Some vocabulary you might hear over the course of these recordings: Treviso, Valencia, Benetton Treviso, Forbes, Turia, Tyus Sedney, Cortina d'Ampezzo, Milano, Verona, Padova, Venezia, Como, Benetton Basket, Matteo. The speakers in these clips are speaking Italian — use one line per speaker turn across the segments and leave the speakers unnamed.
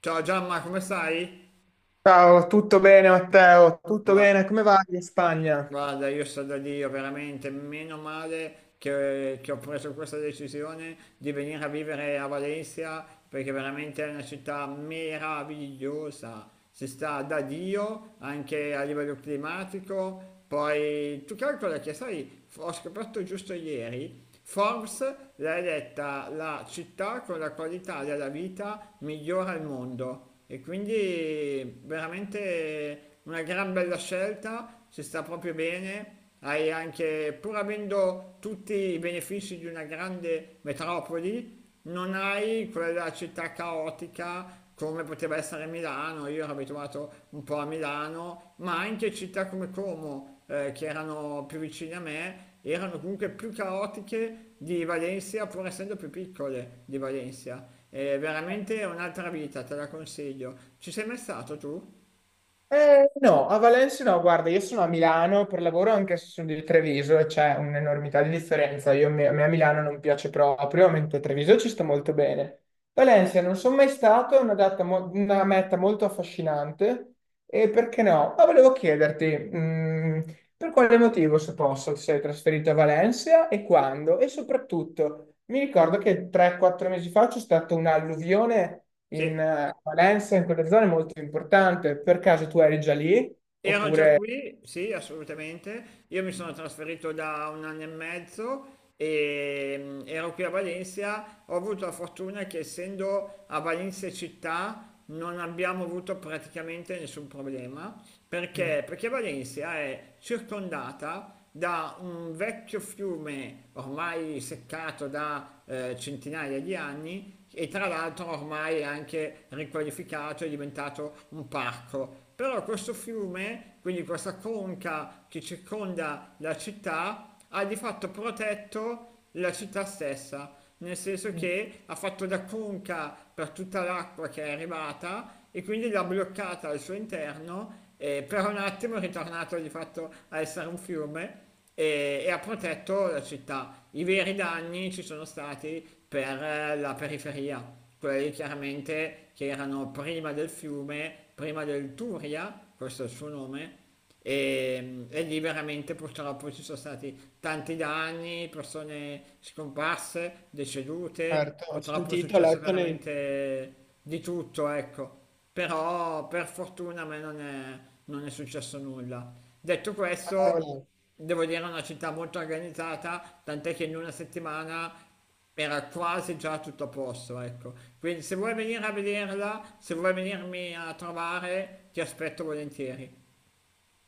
Ciao Giamma, come stai?
Ciao, tutto bene Matteo? Tutto
Ma
bene? Come va in Spagna?
guarda, io sto da Dio, veramente, meno male che ho preso questa decisione di venire a vivere a Valencia, perché veramente è una città meravigliosa. Si sta da Dio anche a livello climatico. Poi tu calcola che, sai, ho scoperto giusto ieri, Forbes l'ha eletta la città con la qualità della vita migliore al mondo. E quindi veramente una gran bella scelta, ci sta proprio bene, hai anche, pur avendo tutti i benefici di una grande metropoli, non hai quella città caotica come poteva essere Milano, io ero abituato un po' a Milano, ma anche città come Como, che erano più vicine a me, erano comunque più caotiche di Valencia, pur essendo più piccole di Valencia. È veramente un'altra vita, te la consiglio. Ci sei mai stato tu?
No, a Valencia no, guarda, io sono a Milano per lavoro anche se sono di Treviso e c'è un'enormità di differenza. A me a Milano non piace proprio, mentre a Treviso ci sto molto bene. Valencia non sono mai stato, è una meta molto affascinante e perché no? Ma volevo chiederti, mm, Per quale motivo, se posso, ti sei trasferito a Valencia e quando? E soprattutto, mi ricordo che 3-4 mesi fa c'è stata un'alluvione in
Sì.
Valencia, in quelle zone molto importante. Per caso tu eri già lì?
Ero già
Oppure...
qui, sì, assolutamente. Io mi sono trasferito da un anno e mezzo e ero qui a Valencia. Ho avuto la fortuna che essendo a Valencia città non abbiamo avuto praticamente nessun problema.
Mm.
Perché? Perché Valencia è circondata da un vecchio fiume ormai seccato da centinaia di anni e tra l'altro ormai anche riqualificato è diventato un parco. Però questo fiume, quindi questa conca che circonda la città, ha di fatto protetto la città stessa nel senso
Mm.
che ha fatto da conca per tutta l'acqua che è arrivata e quindi l'ha bloccata al suo interno e per un attimo è ritornato di fatto a essere un fiume e ha protetto la città. I veri danni ci sono stati per la periferia, quelli chiaramente che erano prima del fiume, prima del Turia, questo è il suo nome, e lì veramente purtroppo ci sono stati tanti danni, persone scomparse, decedute,
Certo, ho
purtroppo è
sentito, ho
successo
letto nei...
veramente di tutto, ecco. Però per fortuna a me non è successo nulla. Detto questo, devo dire è una città molto organizzata, tant'è che in una settimana era quasi già tutto a posto, ecco. Quindi se vuoi venire a vederla, se vuoi venirmi a trovare, ti aspetto volentieri.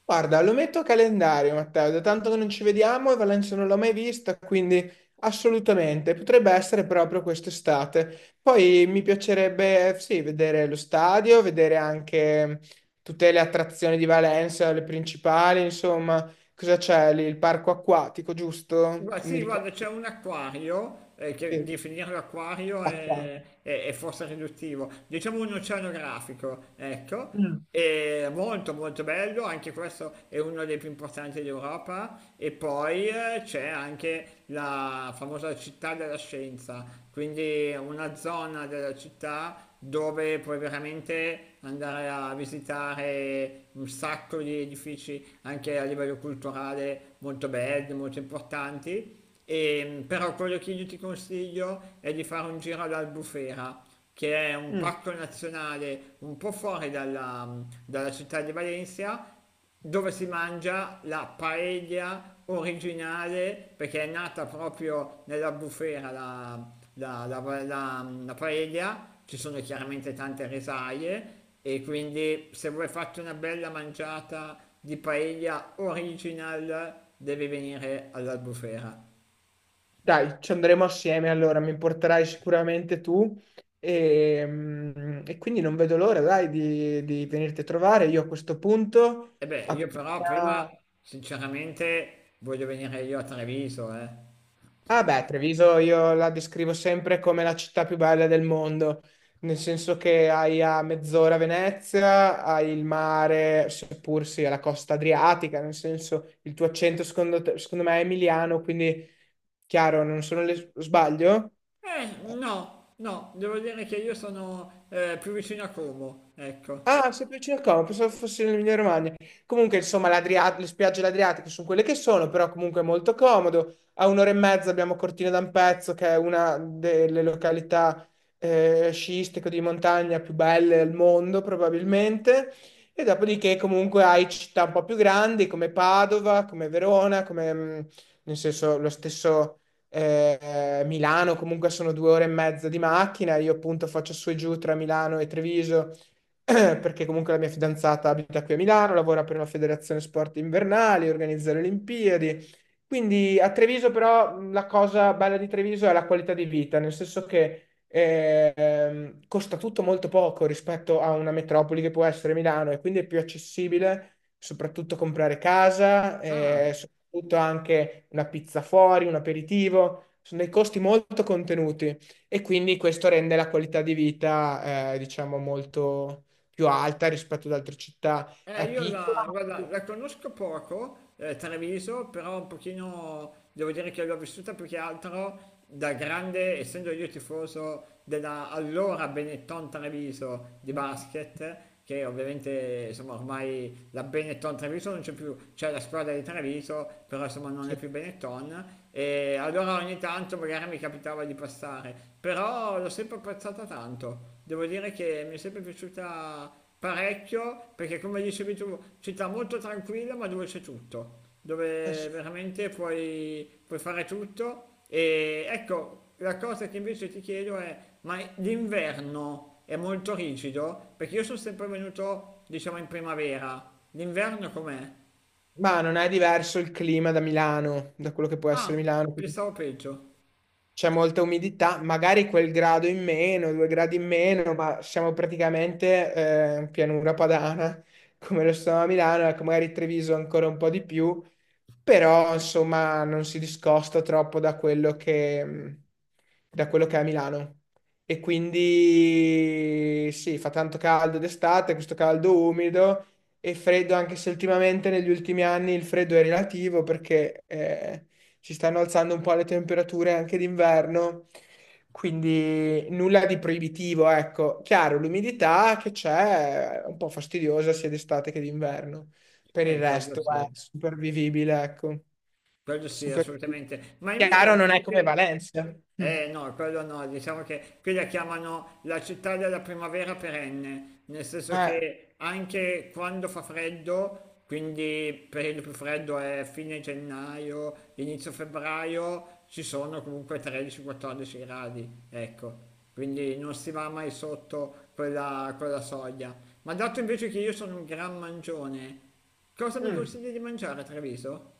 Guarda, lo metto a calendario, Matteo, da tanto che non ci vediamo e Valencia non l'ho mai vista, quindi assolutamente, potrebbe essere proprio quest'estate. Poi mi piacerebbe, sì, vedere lo stadio, vedere anche tutte le attrazioni di Valencia, le principali, insomma, cosa c'è lì? Il parco acquatico, giusto? Mi
Sì,
ricordo.
guarda, c'è un acquario, che
Sì,
definirlo acquario
l'acqua.
è forse riduttivo, diciamo un oceanografico, ecco,
Mm.
è molto molto bello, anche questo è uno dei più importanti d'Europa, e poi c'è anche la famosa città della scienza, quindi una zona della città dove puoi veramente andare a visitare un sacco di edifici anche a livello culturale molto belli, molto importanti. Però quello che io ti consiglio è di fare un giro all'Albufera, che è un
Mm.
parco nazionale un po' fuori dalla città di Valencia, dove si mangia la paella originale, perché è nata proprio nella bufera la paella, ci sono chiaramente tante risaie e quindi se vuoi farti una bella mangiata di paella original devi venire all'Albufera.
Dai, ci andremo assieme allora, mi porterai sicuramente tu e quindi non vedo l'ora, dai, di venirti a trovare. Io a questo punto,
E beh, io però prima
appena...
sinceramente voglio venire io a Treviso, eh.
Ah beh, Treviso io la descrivo sempre come la città più bella del mondo, nel senso che hai a mezz'ora Venezia, hai il mare, seppur sia la costa adriatica, nel senso il tuo accento secondo me è emiliano, quindi chiaro, non sono le... sbaglio?
No, no, devo dire che io sono più vicino a Como, ecco.
Ah, sei più vicino al Como, pensavo fosse l'Emilia Romagna. Comunque, insomma, le spiagge dell'Adriatico sono quelle che sono, però comunque è molto comodo. A un'ora e mezza abbiamo Cortina d'Ampezzo, che è una delle località sciistiche di montagna più belle al mondo, probabilmente. E dopodiché comunque hai città un po' più grandi come Padova, come Verona, nel senso, lo stesso Milano, comunque sono 2 ore e mezza di macchina. Io appunto faccio su e giù tra Milano e Treviso perché comunque la mia fidanzata abita qui a Milano, lavora per una federazione sport invernali, organizza le Olimpiadi. Quindi a Treviso però la cosa bella di Treviso è la qualità di vita, nel senso che costa tutto molto poco rispetto a una metropoli che può essere Milano e quindi è più accessibile soprattutto comprare casa,
Ah.
soprattutto anche una pizza fuori, un aperitivo, sono dei costi molto contenuti e quindi questo rende la qualità di vita diciamo molto più alta rispetto ad altre città, è
Io
piccola,
la, guarda,
ma,
la conosco poco, Treviso, però un pochino devo dire che l'ho vissuta più che altro da grande, essendo io tifoso della allora Benetton Treviso di basket, che ovviamente insomma ormai la Benetton Treviso non c'è più, c'è la squadra di Treviso, però insomma non è
sì.
più Benetton, e allora ogni tanto magari mi capitava di passare, però l'ho sempre apprezzata tanto, devo dire che mi è sempre piaciuta parecchio perché come dicevi tu, città molto tranquilla ma dove c'è tutto,
Eh
dove
sì.
veramente puoi fare tutto e ecco, la cosa che invece ti chiedo è, ma l'inverno è molto rigido? Perché io sono sempre venuto, diciamo, in primavera, l'inverno com'è?
Ma non è diverso il clima da Milano, da quello che può essere Milano,
Pensavo peggio.
c'è molta umidità, magari quel grado in meno, due gradi in meno, ma siamo praticamente in pianura padana, come lo stiamo a Milano, ecco, magari Treviso ancora un po' di più, però insomma non si discosta troppo da quello che è a Milano. E quindi sì, fa tanto caldo d'estate, questo caldo umido e freddo, anche se ultimamente negli ultimi anni il freddo è relativo perché si stanno alzando un po' le temperature anche d'inverno, quindi nulla di proibitivo, ecco. Chiaro, l'umidità che c'è è un po' fastidiosa sia d'estate che d'inverno. Per il
Ecco, quello
resto è
sì.
supervivibile, ecco.
Quello sì,
Super...
assolutamente. Ma invece,
Chiaro non è
dato
come
che...
Valencia. Mm.
Eh no, quello no, diciamo che qui la chiamano la città della primavera perenne, nel senso
Eh,
che anche quando fa freddo, quindi il periodo più freddo è fine gennaio, inizio febbraio, ci sono comunque 13-14 gradi, ecco, quindi non si va mai sotto quella soglia. Ma dato invece che io sono un gran mangione, cosa mi
mm.
consigli di mangiare a Treviso?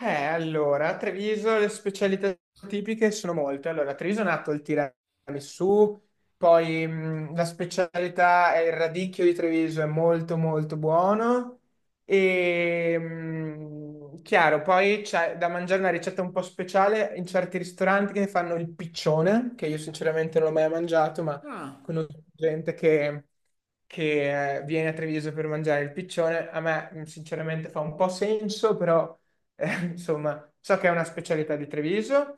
Allora, a Treviso le specialità tipiche sono molte. Allora, a Treviso è nato il tiramisù, poi la specialità è il radicchio di Treviso, è molto molto buono. E chiaro, poi c'è da mangiare una ricetta un po' speciale in certi ristoranti che fanno il piccione, che io sinceramente non l'ho mai mangiato, ma
Ah.
conosco gente che viene a Treviso per mangiare il piccione, a me sinceramente fa un po' senso, però insomma, so che è una specialità di Treviso,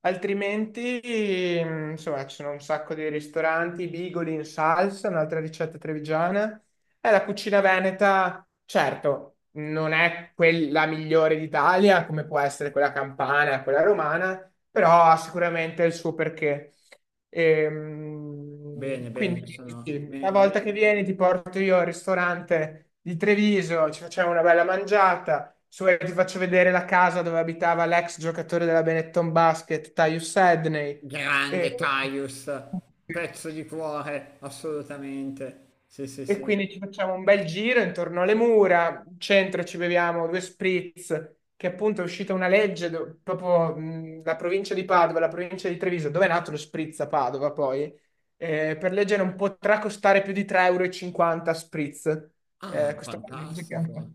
altrimenti, insomma, ci sono un sacco di ristoranti, bigoli in salsa, un'altra ricetta trevigiana. E la cucina veneta, certo, non è quella migliore d'Italia, come può essere quella campana, quella romana, però ha sicuramente il suo perché.
Bene,
Quindi,
bene,
sì, una volta che vieni, ti porto io al ristorante di Treviso, ci facciamo una bella mangiata se vuoi ti faccio vedere la casa dove abitava l'ex giocatore della Benetton Basket, Tyus Sedney. E,
grande Caius, pezzo di cuore, assolutamente. Sì, sì,
e
sì.
quindi ci facciamo un bel giro intorno alle mura, in centro ci beviamo due spritz, che appunto è uscita una legge, proprio la provincia di Padova, la provincia di Treviso, dove è nato lo spritz a Padova poi, per legge non potrà costare più di 3,50 € e 50 spritz.
Ah,
Questa è una legge che è un po'
fantastico.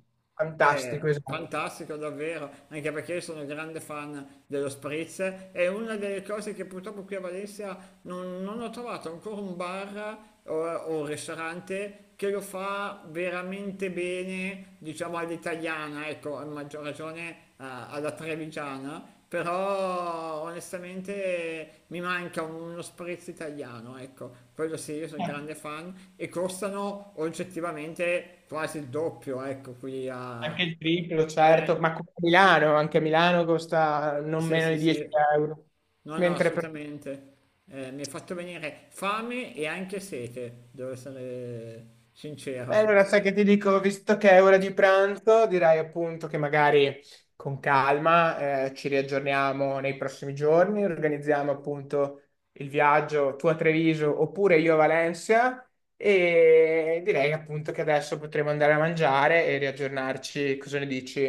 fantastico, esatto.
Fantastico davvero, anche perché io sono grande fan dello spritz. È una delle cose che purtroppo qui a Valencia non ho trovato ancora un bar o un ristorante che lo fa veramente bene, diciamo all'italiana, ecco, a maggior ragione alla trevigiana. Però onestamente mi manca uno spritz italiano, ecco, quello sì, io sono
Eh,
grande fan e costano oggettivamente quasi il doppio, ecco, qui a...
anche il triplo,
Eh,
certo, ma come a Milano, anche a Milano costa non
sì,
meno
sì,
di 10
sì,
euro.
no, no,
Mentre per...
assolutamente. Mi hai fatto venire fame e anche sete, devo essere
Beh,
sincero.
allora sai che ti dico, visto che è ora di pranzo, direi appunto che magari con calma ci riaggiorniamo nei prossimi giorni, organizziamo appunto il viaggio tu a Treviso oppure io a Valencia e direi appunto che adesso potremo andare a mangiare e riaggiornarci, cosa ne dici?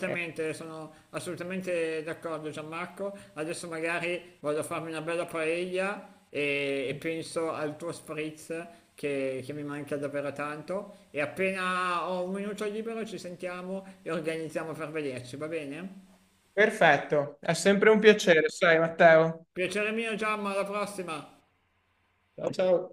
Eh,
sono assolutamente d'accordo Gianmarco. Adesso magari vado a farmi una bella paella e penso al tuo spritz che mi manca davvero tanto. E appena ho un minuto libero ci sentiamo e organizziamo per vederci, va bene?
Perfetto, è sempre un piacere, sai Matteo.
Piacere mio Gianma, alla prossima!
That's how,